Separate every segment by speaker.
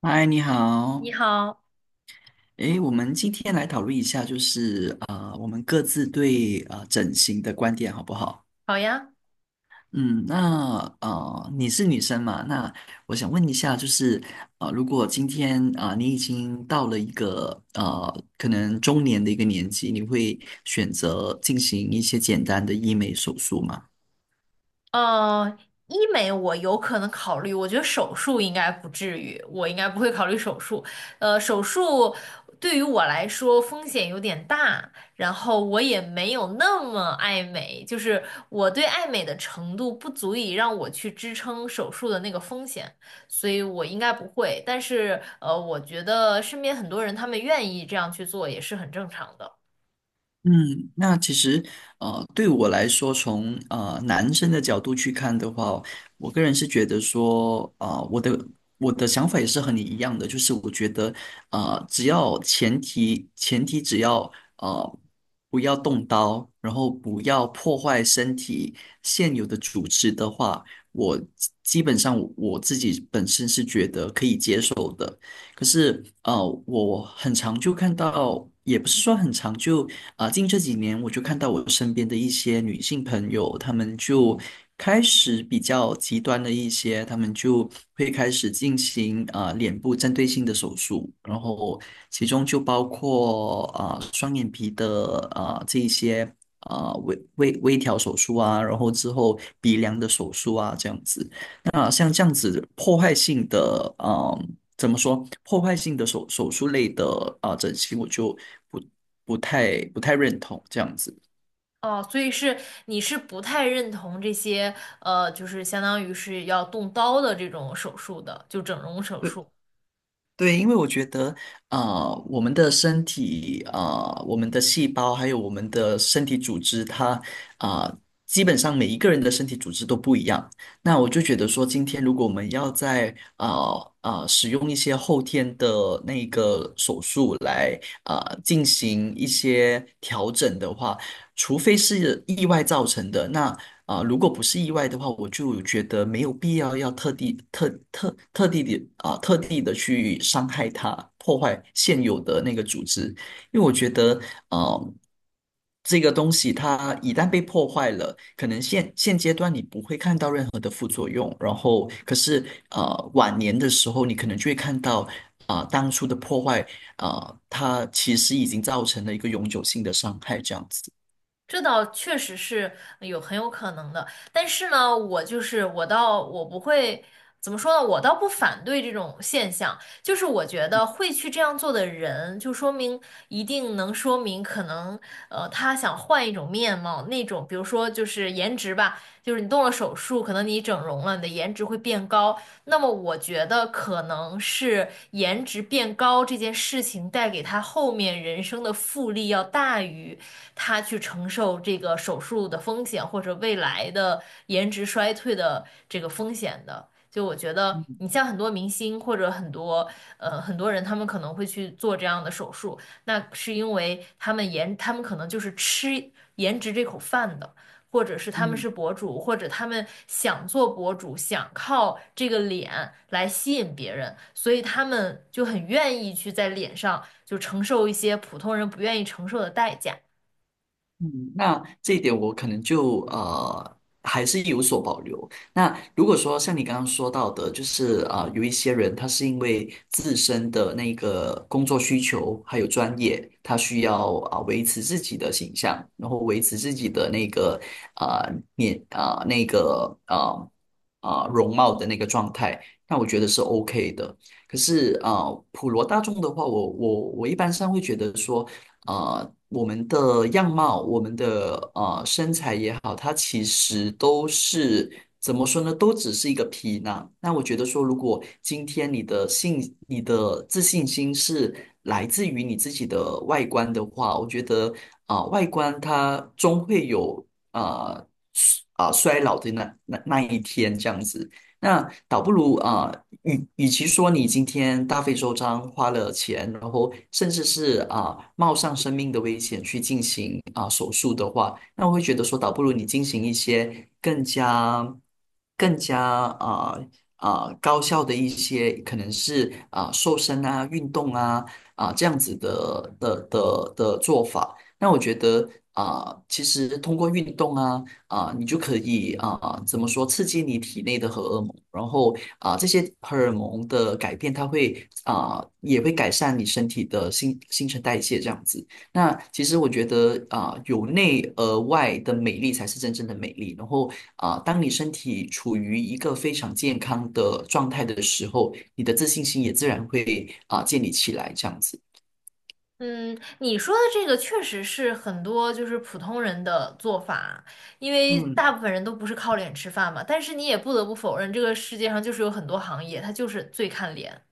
Speaker 1: 嗨，你
Speaker 2: 你
Speaker 1: 好。
Speaker 2: 好，
Speaker 1: 诶，我们今天来讨论一下，就是我们各自对整形的观点好不好？
Speaker 2: 好呀。
Speaker 1: 嗯，那你是女生嘛？那我想问一下，就是如果今天你已经到了一个可能中年的一个年纪，你会选择进行一些简单的医美手术吗？
Speaker 2: 呃，医美我有可能考虑，我觉得手术应该不至于，我应该不会考虑手术。手术对于我来说风险有点大，然后我也没有那么爱美，就是我对爱美的程度不足以让我去支撑手术的那个风险，所以我应该不会。但是,我觉得身边很多人他们愿意这样去做也是很正常的。
Speaker 1: 嗯，那其实对我来说，从男生的角度去看的话，我个人是觉得说，我的想法也是和你一样的，就是我觉得，只要前提只要呃不要动刀，然后不要破坏身体现有的组织的话，我基本上我自己本身是觉得可以接受的。可是，我很常就看到，也不是说很常就。近这几年我就看到我身边的一些女性朋友，她们就开始比较极端的一些，她们就会开始进行脸部针对性的手术，然后其中就包括双眼皮的这一些微调手术，然后之后鼻梁的手术这样子。那像这样子破坏性的，怎么说？破坏性的手术类的整形，我就。不。不太认同这样子。
Speaker 2: 哦，所以是你是不太认同这些，呃，就是相当于是要动刀的这种手术的，就整容手
Speaker 1: 对
Speaker 2: 术。
Speaker 1: 对，因为我觉得，我们的身体，我们的细胞，还有我们的身体组织，它，啊、基本上每一个人的身体组织都不一样。那我就觉得说，今天如果我们要在使用一些后天的那个手术来进行一些调整的话，除非是意外造成的，那如果不是意外的话，我就觉得没有必要要特地特特特地的啊、特地的去伤害它，破坏现有的那个组织，因为我觉得呃这个东西它一旦被破坏了，可能现阶段你不会看到任何的副作用，然后可是晚年的时候，你可能就会看到当初的破坏啊、它其实已经造成了一个永久性的伤害，这样子。
Speaker 2: 这倒确实是有很有可能的，但是呢，我就是我倒我不会怎么说呢，我倒不反对这种现象，就是我觉得会去这样做的人，就说明可能他想换一种面貌，那种比如说就是颜值吧，就是你动了手术，可能你整容了，你的颜值会变高，那么我觉得可能是颜值变高这件事情带给他后面人生的复利要大于。他去承受这个手术的风险或者未来的颜值衰退的这个风险的。就我觉得，你像很多明星或者很多人，他们可能会去做这样的手术，那是因为他们可能就是吃颜值这口饭的。或者是他们是博主，或者他们想做博主，想靠这个脸来吸引别人，所以他们就很愿意去在脸上就承受一些普通人不愿意承受的代价。
Speaker 1: 嗯，那这一点我可能就还是有所保留。那如果说像你刚刚说到的，就是有一些人他是因为自身的那个工作需求还有专业，他需要维持自己的形象，然后维持自己的那个啊面啊那个啊啊、呃容貌的那个状态，那我觉得是 OK 的。可是普罗大众的话，我一般上会觉得说。我们的样貌、我们的身材也好，它其实都是怎么说呢？都只是一个皮囊。那我觉得说，如果今天你的自信心是来自于你自己的外观的话，我觉得外观它终会有啊衰老的那一天这样子。那倒不如与其说你今天大费周章花了钱，然后甚至是冒上生命的危险去进行手术的话，那我会觉得说，倒不如你进行一些更加高效的一些，可能是瘦身运动这样子的。那我觉得其实通过运动你就可以怎么说，刺激你体内的荷尔蒙，然后这些荷尔蒙的改变，它会也会改善你身体的新陈代谢这样子。那其实我觉得由内而外的美丽才是真正的美丽。然后当你身体处于一个非常健康的状态的时候，你的自信心也自然会建立起来这样子。
Speaker 2: 嗯，你说的这个确实是很多就是普通人的做法，因为
Speaker 1: 嗯。
Speaker 2: 大部分人都不是靠脸吃饭嘛。但是你也不得不否认，这个世界上就是有很多行业，它就是最看脸。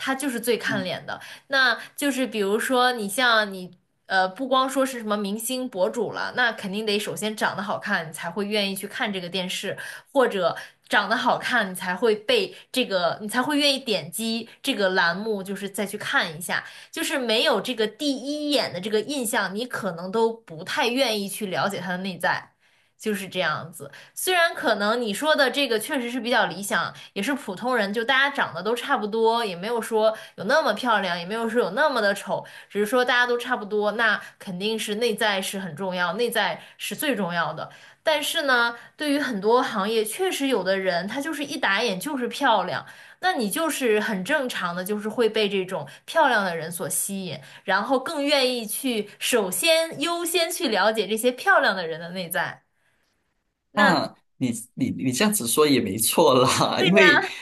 Speaker 2: 他就是最看
Speaker 1: 嗯。
Speaker 2: 脸的。那就是比如说你像你，呃，不光说是什么明星博主了，那肯定得首先长得好看，你才会愿意去看这个电视，或者长得好看，你才会愿意点击这个栏目，就是再去看一下。就是没有这个第一眼的这个印象，你可能都不太愿意去了解他的内在，就是这样子。虽然可能你说的这个确实是比较理想，也是普通人，就大家长得都差不多，也没有说有那么漂亮，也没有说有那么的丑，只是说大家都差不多，那肯定是内在是很重要，内在是最重要的。但是呢，对于很多行业，确实有的人他就是一打眼就是漂亮，那你就是很正常的，就是会被这种漂亮的人所吸引，然后更愿意去首先优先去了解这些漂亮的人的内在。那
Speaker 1: 那你这样子说也没错啦，
Speaker 2: 对
Speaker 1: 因为
Speaker 2: 呀。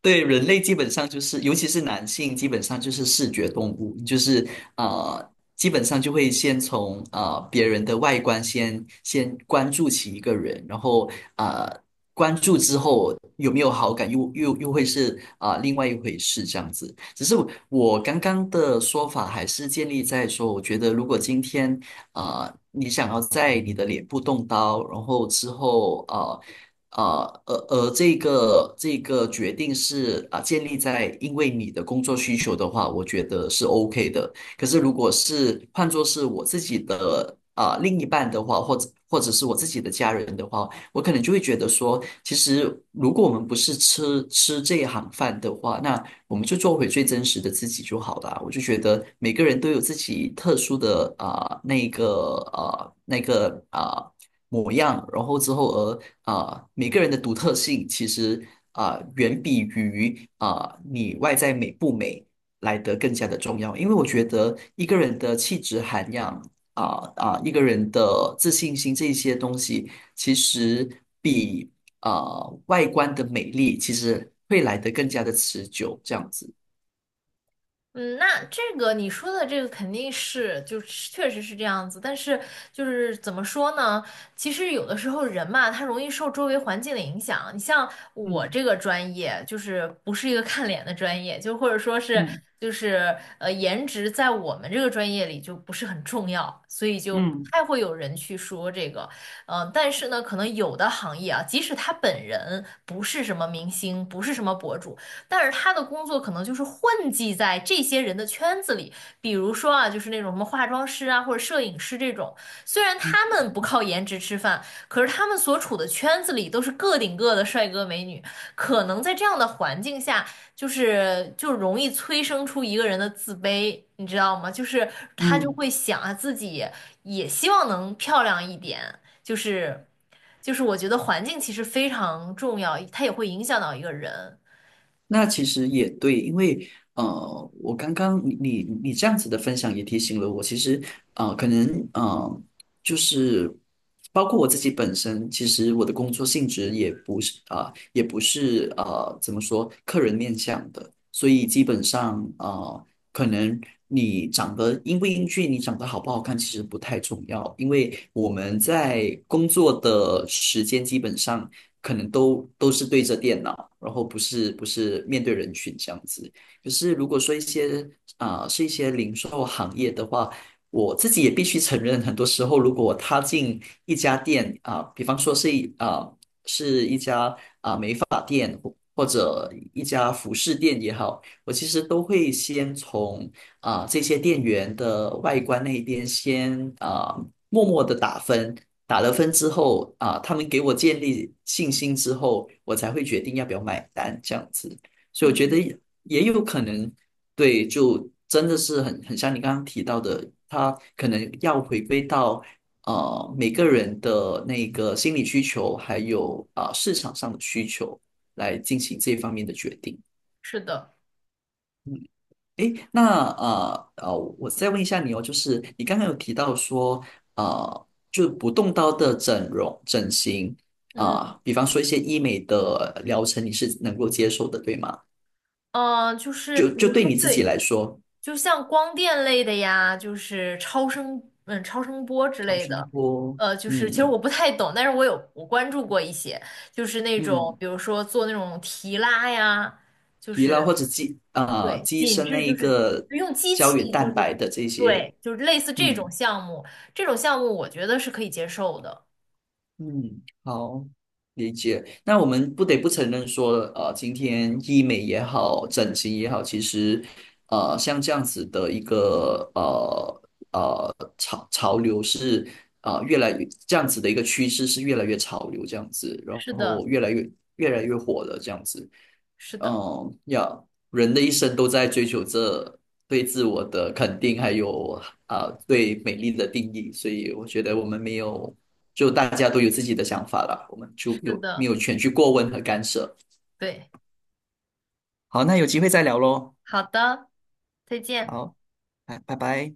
Speaker 1: 对人类基本上就是，尤其是男性，基本上就是视觉动物，就是呃，基本上就会先从别人的外观先关注起一个人，然后呃关注之后有没有好感，又会是另外一回事这样子。只是我刚刚的说法还是建立在说，我觉得如果今天你想要在你的脸部动刀，然后之后这个决定是建立在因为你的工作需求的话，我觉得是 OK 的。可是如果是换作是我自己的另一半的话，或者是我自己的家人的话，我可能就会觉得说，其实如果我们不是吃这一行饭的话，那我们就做回最真实的自己就好了啊。我就觉得每个人都有自己特殊的呃那个啊、呃模样，然后之后而每个人的独特性其实远比于你外在美不美来得更加的重要，因为我觉得一个人的气质涵养。一个人的自信心这一些东西，其实比外观的美丽，其实会来得更加的持久，这样子。
Speaker 2: 嗯，那这个你说的这个肯定是，就是确实是这样子。但是就是怎么说呢？其实有的时候人嘛，他容易受周围环境的影响。你像我
Speaker 1: 嗯。
Speaker 2: 这个专业，就是不是一个看脸的专业，就或者说是
Speaker 1: 嗯。
Speaker 2: 就是呃，颜值在我们这个专业里就不是很重要，所以就不
Speaker 1: 嗯。
Speaker 2: 太会有人去说这个。但是呢，可能有的行业啊，即使他本人不是什么明星，不是什么博主。但是他的工作可能就是混迹在这些人的圈子里，比如说啊，就是那种什么化妆师啊，或者摄影师这种。虽然他们不靠颜值吃饭，可是他们所处的圈子里都是个顶个的帅哥美女，可能在这样的环境下，就容易催生出一个人的自卑，你知道吗？就是他就
Speaker 1: 嗯。
Speaker 2: 会想啊，自己也希望能漂亮一点，就是我觉得环境其实非常重要，它也会影响到一个人。
Speaker 1: 那其实也对，因为呃，我刚刚你这样子的分享也提醒了我，其实啊，可能啊，就是包括我自己本身，其实我的工作性质也不是也不是，怎么说，客人面向的，所以基本上可能你长得英不英俊，你长得好不好看，其实不太重要，因为我们在工作的时间基本上可能都是对着电脑。然后不是面对人群这样子。可是如果说一些是一些零售行业的话，我自己也必须承认，很多时候如果我踏进一家店比方说是一啊、是一家发店或者一家服饰店也好，我其实都会先从这些店员的外观那一边先默默的打分，打了分之后他们给我建立信心之后，我才会决定要不要买单这样子。所以我觉得
Speaker 2: 嗯，
Speaker 1: 也有可能，对，就真的是很像你刚刚提到的，他可能要回归到每个人的那个心理需求，还有市场上的需求。来进行这方面的决定。
Speaker 2: 是的，
Speaker 1: 诶，那我再问一下你哦，就是你刚刚有提到说，就不动刀的整容、整形，
Speaker 2: 嗯，
Speaker 1: 比方说一些医美的疗程，你是能够接受的，对吗？
Speaker 2: 就是
Speaker 1: 就
Speaker 2: 比
Speaker 1: 就
Speaker 2: 如说，
Speaker 1: 对你自己
Speaker 2: 对，
Speaker 1: 来说，
Speaker 2: 就像光电类的呀，就是超声，嗯，超声波之
Speaker 1: 超
Speaker 2: 类
Speaker 1: 声
Speaker 2: 的，
Speaker 1: 波，
Speaker 2: 呃，就是其实
Speaker 1: 嗯。
Speaker 2: 我不太懂，但是我关注过一些，就是那种
Speaker 1: 嗯，
Speaker 2: 比如说做那种提拉呀，就
Speaker 1: 疲
Speaker 2: 是
Speaker 1: 劳或者肌
Speaker 2: 对
Speaker 1: 肌医
Speaker 2: 紧
Speaker 1: 生
Speaker 2: 致，
Speaker 1: 那
Speaker 2: 就
Speaker 1: 一
Speaker 2: 是
Speaker 1: 个
Speaker 2: 就用机
Speaker 1: 胶原
Speaker 2: 器，就
Speaker 1: 蛋
Speaker 2: 是
Speaker 1: 白的这些，
Speaker 2: 对，就是类似这种
Speaker 1: 嗯。
Speaker 2: 项目，这种项目我觉得是可以接受的。
Speaker 1: 嗯，好，理解。那我们不得不承认说，今天医美也好，整形也好，其实，像这样子的一个呃呃潮潮流是啊、呃越来越这样子的一个趋势是越来越潮流这样子，然
Speaker 2: 是的，
Speaker 1: 后越来越火的这样子。
Speaker 2: 是的，
Speaker 1: 嗯，要人的一生都在追求着对自我的肯定，还有对美丽的定义，所以我觉得我们没有，就大家都有自己的想法啦，我们就
Speaker 2: 是
Speaker 1: 有没
Speaker 2: 的，
Speaker 1: 有权去过问和干涉。
Speaker 2: 对，
Speaker 1: 好，那有机会再聊喽。
Speaker 2: 好的，再见。
Speaker 1: 好，拜拜。